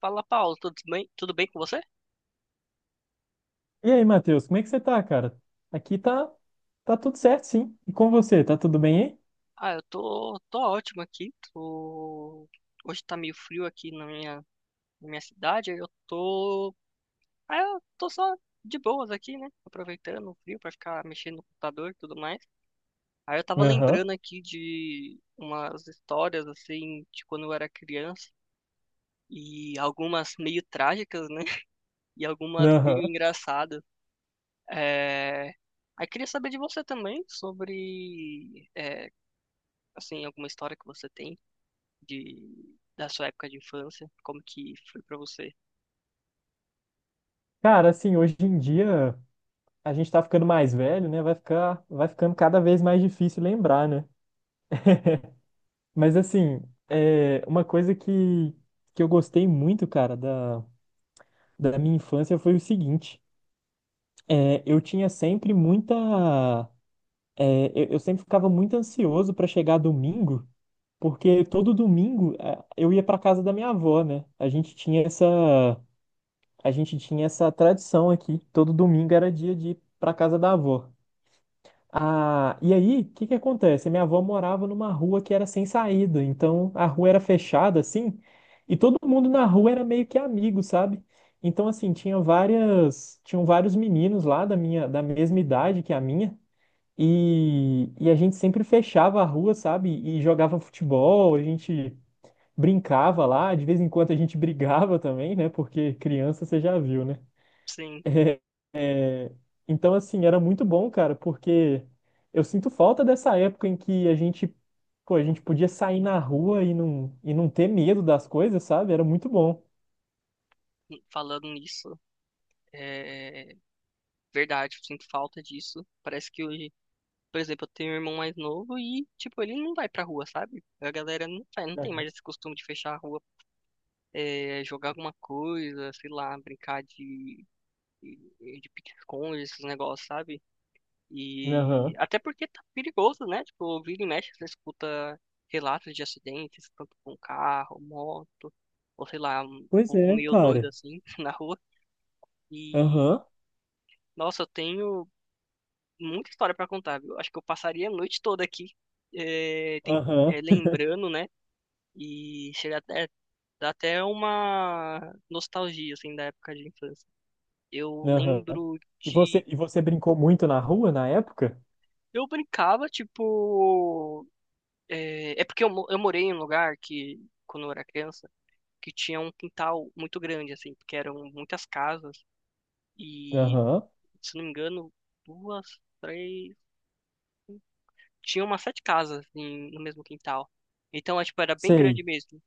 Fala, Paulo, tudo bem? Tudo bem com você? E aí, Matheus, como é que você tá, cara? Aqui tá, tá tudo certo, sim. E com você, tá tudo bem Ah, eu tô ótimo aqui. Tô... Hoje tá meio frio aqui na minha cidade. Aí Eu tô. Ah, eu tô só de boas aqui, né? Aproveitando o frio pra ficar mexendo no computador e tudo mais. Aí eu tava aí? Aham, lembrando aqui de umas histórias, assim, de quando eu era criança. E algumas meio trágicas, né? E algumas meio aham. engraçadas. É... Aí queria saber de você também sobre. É, assim, alguma história que você tem de da sua época de infância, como que foi pra você? Cara, assim, hoje em dia a gente tá ficando mais velho, né? Vai ficando cada vez mais difícil lembrar, né? Mas assim, uma coisa que eu gostei muito, cara, da minha infância foi o seguinte. Eu tinha sempre muita. Eu sempre ficava muito ansioso pra chegar domingo. Porque todo domingo eu ia para casa da minha avó, né? A gente tinha essa tradição aqui. Todo domingo era dia de ir para casa da avó. Ah, e aí, o que que acontece? Minha avó morava numa rua que era sem saída, então a rua era fechada assim, e todo mundo na rua era meio que amigo, sabe? Então assim, tinham vários meninos lá da mesma idade que a minha. E a gente sempre fechava a rua, sabe? E jogava futebol, a gente brincava lá, de vez em quando a gente brigava também, né? Porque criança você já viu, né? Sim, É. Então, assim, era muito bom, cara, porque eu sinto falta dessa época em que pô, a gente podia sair na rua e não ter medo das coisas, sabe? Era muito bom. falando nisso, é verdade, eu sinto falta disso. Parece que hoje, por exemplo, eu tenho um irmão mais novo e, tipo, ele não vai pra rua, sabe? A galera não vai, não tem Aham. mais esse costume de fechar a rua, é, jogar alguma coisa, sei lá, de pique-esconde, esses negócios, sabe? E Aham. até porque tá perigoso, né? Tipo, vira e mexe, você escuta relatos de acidentes, tanto com carro, moto, ou sei lá, um Pois povo é, meio doido cara. assim na rua. E, Aham, nossa, eu tenho muita história pra contar, viu? Acho que eu passaria a noite toda aqui, eh, tem- aham, lembrando, né? E chega até, dá até uma nostalgia, assim, da época de infância. Eu aham. lembro E de. Você brincou muito na rua na época? Eu brincava, tipo. É, é porque eu morei em um lugar que, quando eu era criança, que tinha um quintal muito grande, assim, porque eram muitas casas e, Aham, se não me engano, duas, três, tinha umas sete casas no mesmo quintal. Então, é, tipo, era bem sei. grande mesmo.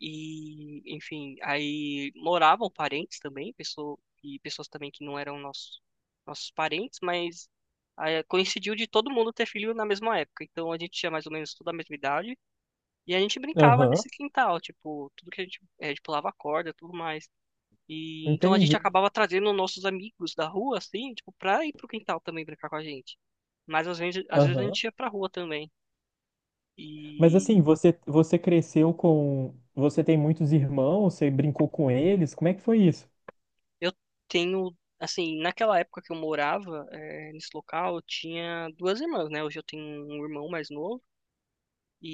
E, enfim, aí moravam parentes também, e pessoas também que não eram nossos parentes, mas aí coincidiu de todo mundo ter filho na mesma época. Então, a gente tinha mais ou menos toda a mesma idade. E a gente brincava Aham, nesse quintal, tipo, tudo que a gente pulava corda, e tudo mais. E então a gente entendi. acabava trazendo nossos amigos da rua, assim, tipo, pra ir pro quintal também brincar com a gente. Mas às vezes a Aham. gente ia pra rua também. Mas E assim, você cresceu com. Você tem muitos irmãos, você brincou com eles? Como é que foi isso? eu tenho, assim, naquela época que eu morava, eh, nesse local, eu tinha duas irmãs, né? Hoje eu tenho um irmão mais novo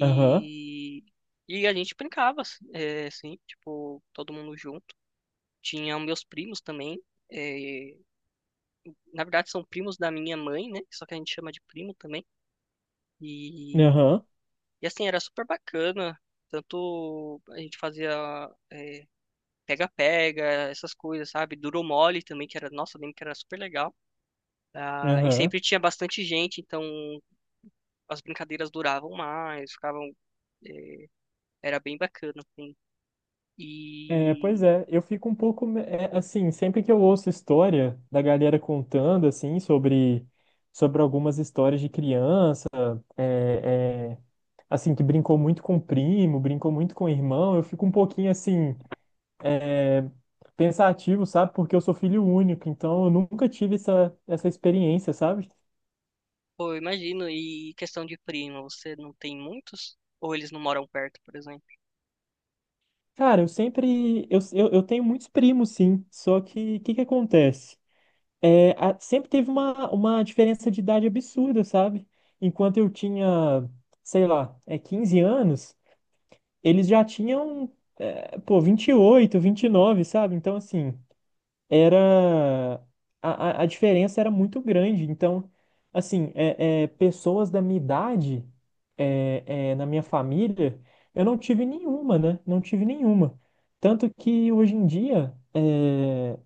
Aham, a gente brincava, assim, eh, assim, tipo, todo mundo junto. Tinha meus primos também. Eh, na verdade são primos da minha mãe, né? Só que a gente chama de primo também. E, aham, e assim, era super bacana. Tanto a gente fazia é, pega-pega, essas coisas, sabe? Duro mole também, que era, nossa, eu lembro que era super legal. Ah, e aham. sempre tinha bastante gente, então as brincadeiras duravam mais, ficavam, é, era bem bacana, assim. É, pois E, é, eu fico um pouco. É, assim, sempre que eu ouço história da galera contando, sobre algumas histórias de criança, é, é, assim, que brincou muito com primo, brincou muito com irmão, eu fico um pouquinho, assim, é, pensativo, sabe? Porque eu sou filho único, então eu nunca tive essa experiência, sabe? pô, eu imagino, e questão de primo, você não tem muitos? Ou eles não moram perto, por exemplo? Cara, eu sempre. Eu tenho muitos primos, sim. Só que o que acontece? É, sempre teve uma diferença de idade absurda, sabe? Enquanto eu tinha, sei lá, é, 15 anos, eles já tinham, é, pô, 28, 29, sabe? Então, assim, era a diferença era muito grande. Então, assim, pessoas da minha idade na minha família, eu não tive nenhuma, né? Não tive nenhuma. Tanto que hoje em dia é,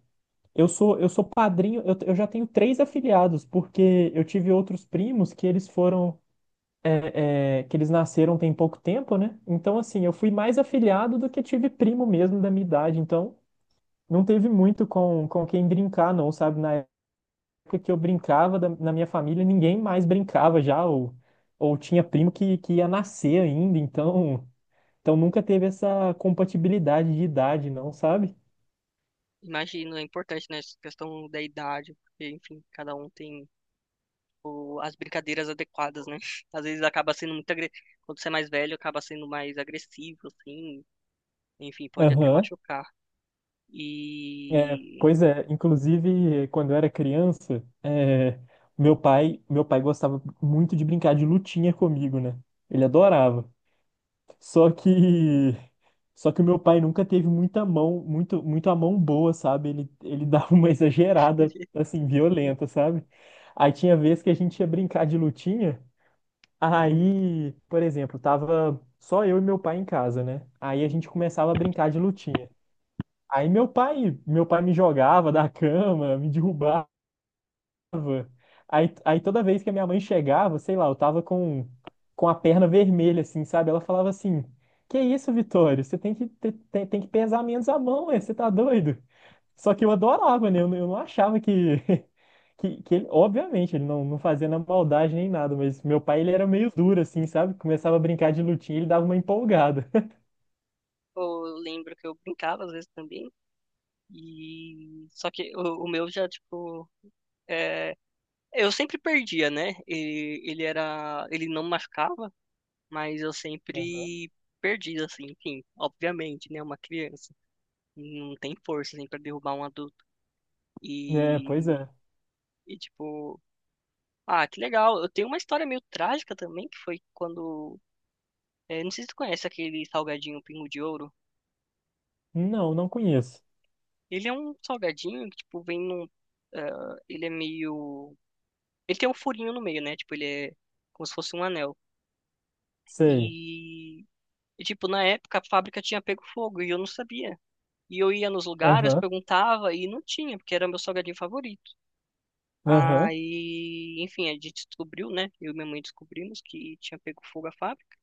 eu sou padrinho, eu já tenho 3 afiliados, porque eu tive outros primos que eles foram que eles nasceram tem pouco tempo, né? Então, assim, eu fui mais afiliado do que tive primo mesmo da minha idade. Então, não teve muito com quem brincar, não, sabe? Na época que eu brincava na minha família, ninguém mais brincava já, ou tinha primo que ia nascer ainda, então nunca teve essa compatibilidade de idade, não, sabe? Imagino, é importante, né, essa questão da idade, porque, enfim, cada um tem as brincadeiras adequadas, né? Às vezes acaba sendo muito agre... quando você é mais velho, acaba sendo mais agressivo, assim, enfim, pode até Aham. machucar. É, E pois é, inclusive quando eu era criança, é, meu pai gostava muito de brincar de lutinha comigo, né? Ele adorava. Só que Só que o meu pai nunca teve muita mão, muito a mão boa, sabe? Ele dava uma exagerada, assim, violenta, sabe? Aí tinha vez que a gente ia brincar de lutinha, aí, por exemplo, tava só eu e meu pai em casa, né? Aí a gente começava a brincar de lutinha. Aí meu pai me jogava da cama, me derrubava. Aí toda vez que a minha mãe chegava, sei lá, eu tava com a perna vermelha, assim, sabe? Ela falava assim: Que isso, Vitório? Você tem que tem que pesar menos a mão, ué, você tá doido? Só que eu adorava, né? Eu não achava que, que ele, obviamente, ele não, não fazia na maldade nem nada, mas meu pai, ele era meio duro, assim, sabe? Começava a brincar de lutinha, ele dava uma empolgada. pô, eu lembro que eu brincava às vezes também, e só que o meu já, tipo, é... eu sempre perdia, né? E, ele era, ele não machucava, mas eu sempre perdia, assim, enfim, obviamente, né, uma criança. Não tem força assim, pra derrubar um adulto. É, pois E, é. e tipo, ah, que legal. Eu tenho uma história meio trágica também, que foi quando. É, não sei se tu conhece aquele salgadinho Pingo de Ouro. Não, não conheço. Ele é um salgadinho que, tipo, vem num. Ah, ele é meio. Ele tem um furinho no meio, né? Tipo, ele é como se fosse um anel. Sei. E, e tipo, na época a fábrica tinha pego fogo e eu não sabia. E eu ia nos lugares, Aham, perguntava e não tinha, porque era meu salgadinho favorito. aham, Aí, enfim, a gente descobriu, né? Eu e minha mãe descobrimos que tinha pego fogo a fábrica.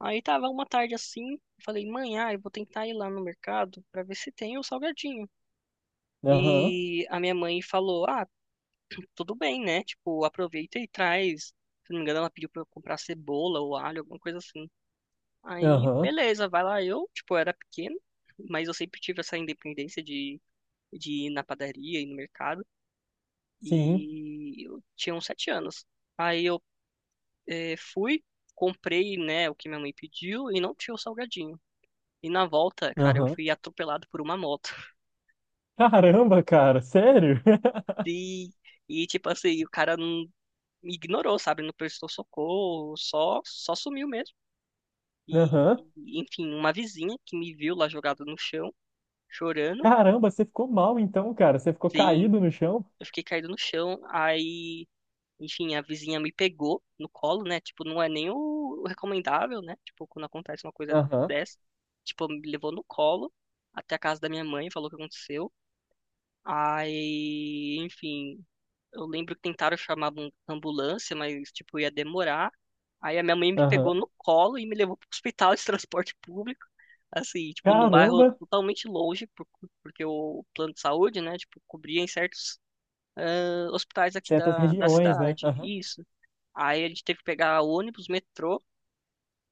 Aí tava uma tarde assim, eu falei, mãe, ah, eu vou tentar ir lá no mercado pra ver se tem o salgadinho. aham, E a minha mãe falou, ah, tudo bem, né? Tipo, aproveita e traz. Se não me engano, ela pediu pra eu comprar cebola ou alho, alguma coisa assim. Aí, aham. beleza, vai lá. Eu, tipo, era pequeno, mas eu sempre tive essa independência de ir na padaria, e no mercado. Sim, E eu tinha uns 7 anos. Aí fui, comprei, né, o que minha mãe pediu e não tinha o salgadinho. E na volta, cara, eu aham. fui atropelado por uma moto. Caramba, cara, sério? E, e tipo assim, o cara não me ignorou, sabe? Não prestou socorro, só sumiu mesmo. E, Aham. e, enfim, uma vizinha que me viu lá jogado no chão, chorando, Caramba, você ficou mal então, cara. Você ficou sim, caído no chão? eu fiquei caído no chão. Aí enfim, a vizinha me pegou no colo, né? Tipo, não é nem o recomendável, né? Tipo, quando acontece uma coisa Aham, dessa. Tipo, me levou no colo até a casa da minha mãe, falou o que aconteceu. Aí, enfim, eu lembro que tentaram chamar uma ambulância, mas, tipo, ia demorar. Aí a minha mãe me pegou aham. no colo e me levou pro hospital de transporte público. Assim, tipo, num bairro Caramba, totalmente longe, porque o plano de saúde, né, tipo, cobria em certos ah, hospitais aqui certas da regiões, né? cidade. Aham, Isso. Aí a gente teve que pegar ônibus, metrô,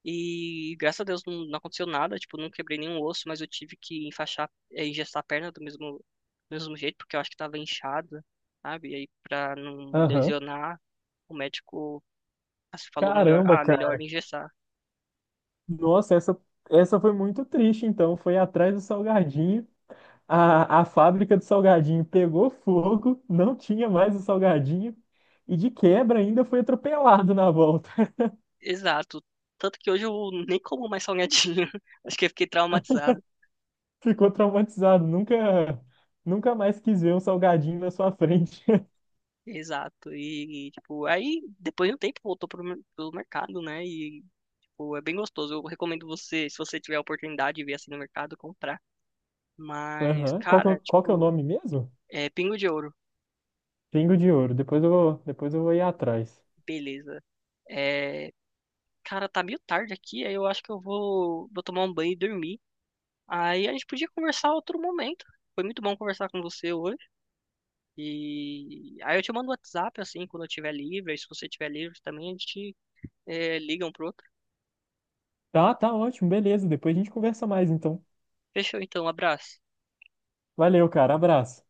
e graças a Deus não, não aconteceu nada, tipo, não quebrei nenhum osso, mas eu tive que enfaixar, engessar a perna do mesmo jeito, porque eu acho que tava inchada, sabe? E aí pra não aham. lesionar, o médico assim, falou melhor, Caramba, ah, melhor cara. engessar. Nossa, essa foi muito triste então. Foi atrás do salgadinho. A fábrica do salgadinho pegou fogo, não tinha mais o salgadinho. E de quebra ainda foi atropelado na volta. Exato. Tanto que hoje eu nem como mais salgadinho. Acho que eu fiquei traumatizado. Ficou traumatizado. Nunca mais quis ver um salgadinho na sua frente. Exato. E, tipo, aí depois de um tempo voltou pro mercado, né? E pô, é bem gostoso. Eu recomendo você, se você tiver a oportunidade de ver assim no mercado, comprar. Mas, Aham. Qual cara, qual que é o tipo, nome mesmo? é Pingo de Ouro. Pingo de Ouro. Depois eu vou ir atrás. Beleza. É, cara, tá meio tarde aqui, aí eu acho que vou tomar um banho e dormir. Aí a gente podia conversar outro momento. Foi muito bom conversar com você hoje. E aí eu te mando o WhatsApp, assim, quando eu estiver livre. Aí se você estiver livre também, a gente é, liga um pro outro. Tá, tá ótimo, beleza. Depois a gente conversa mais, então. Fechou, então. Abraço. Valeu, cara. Abraço.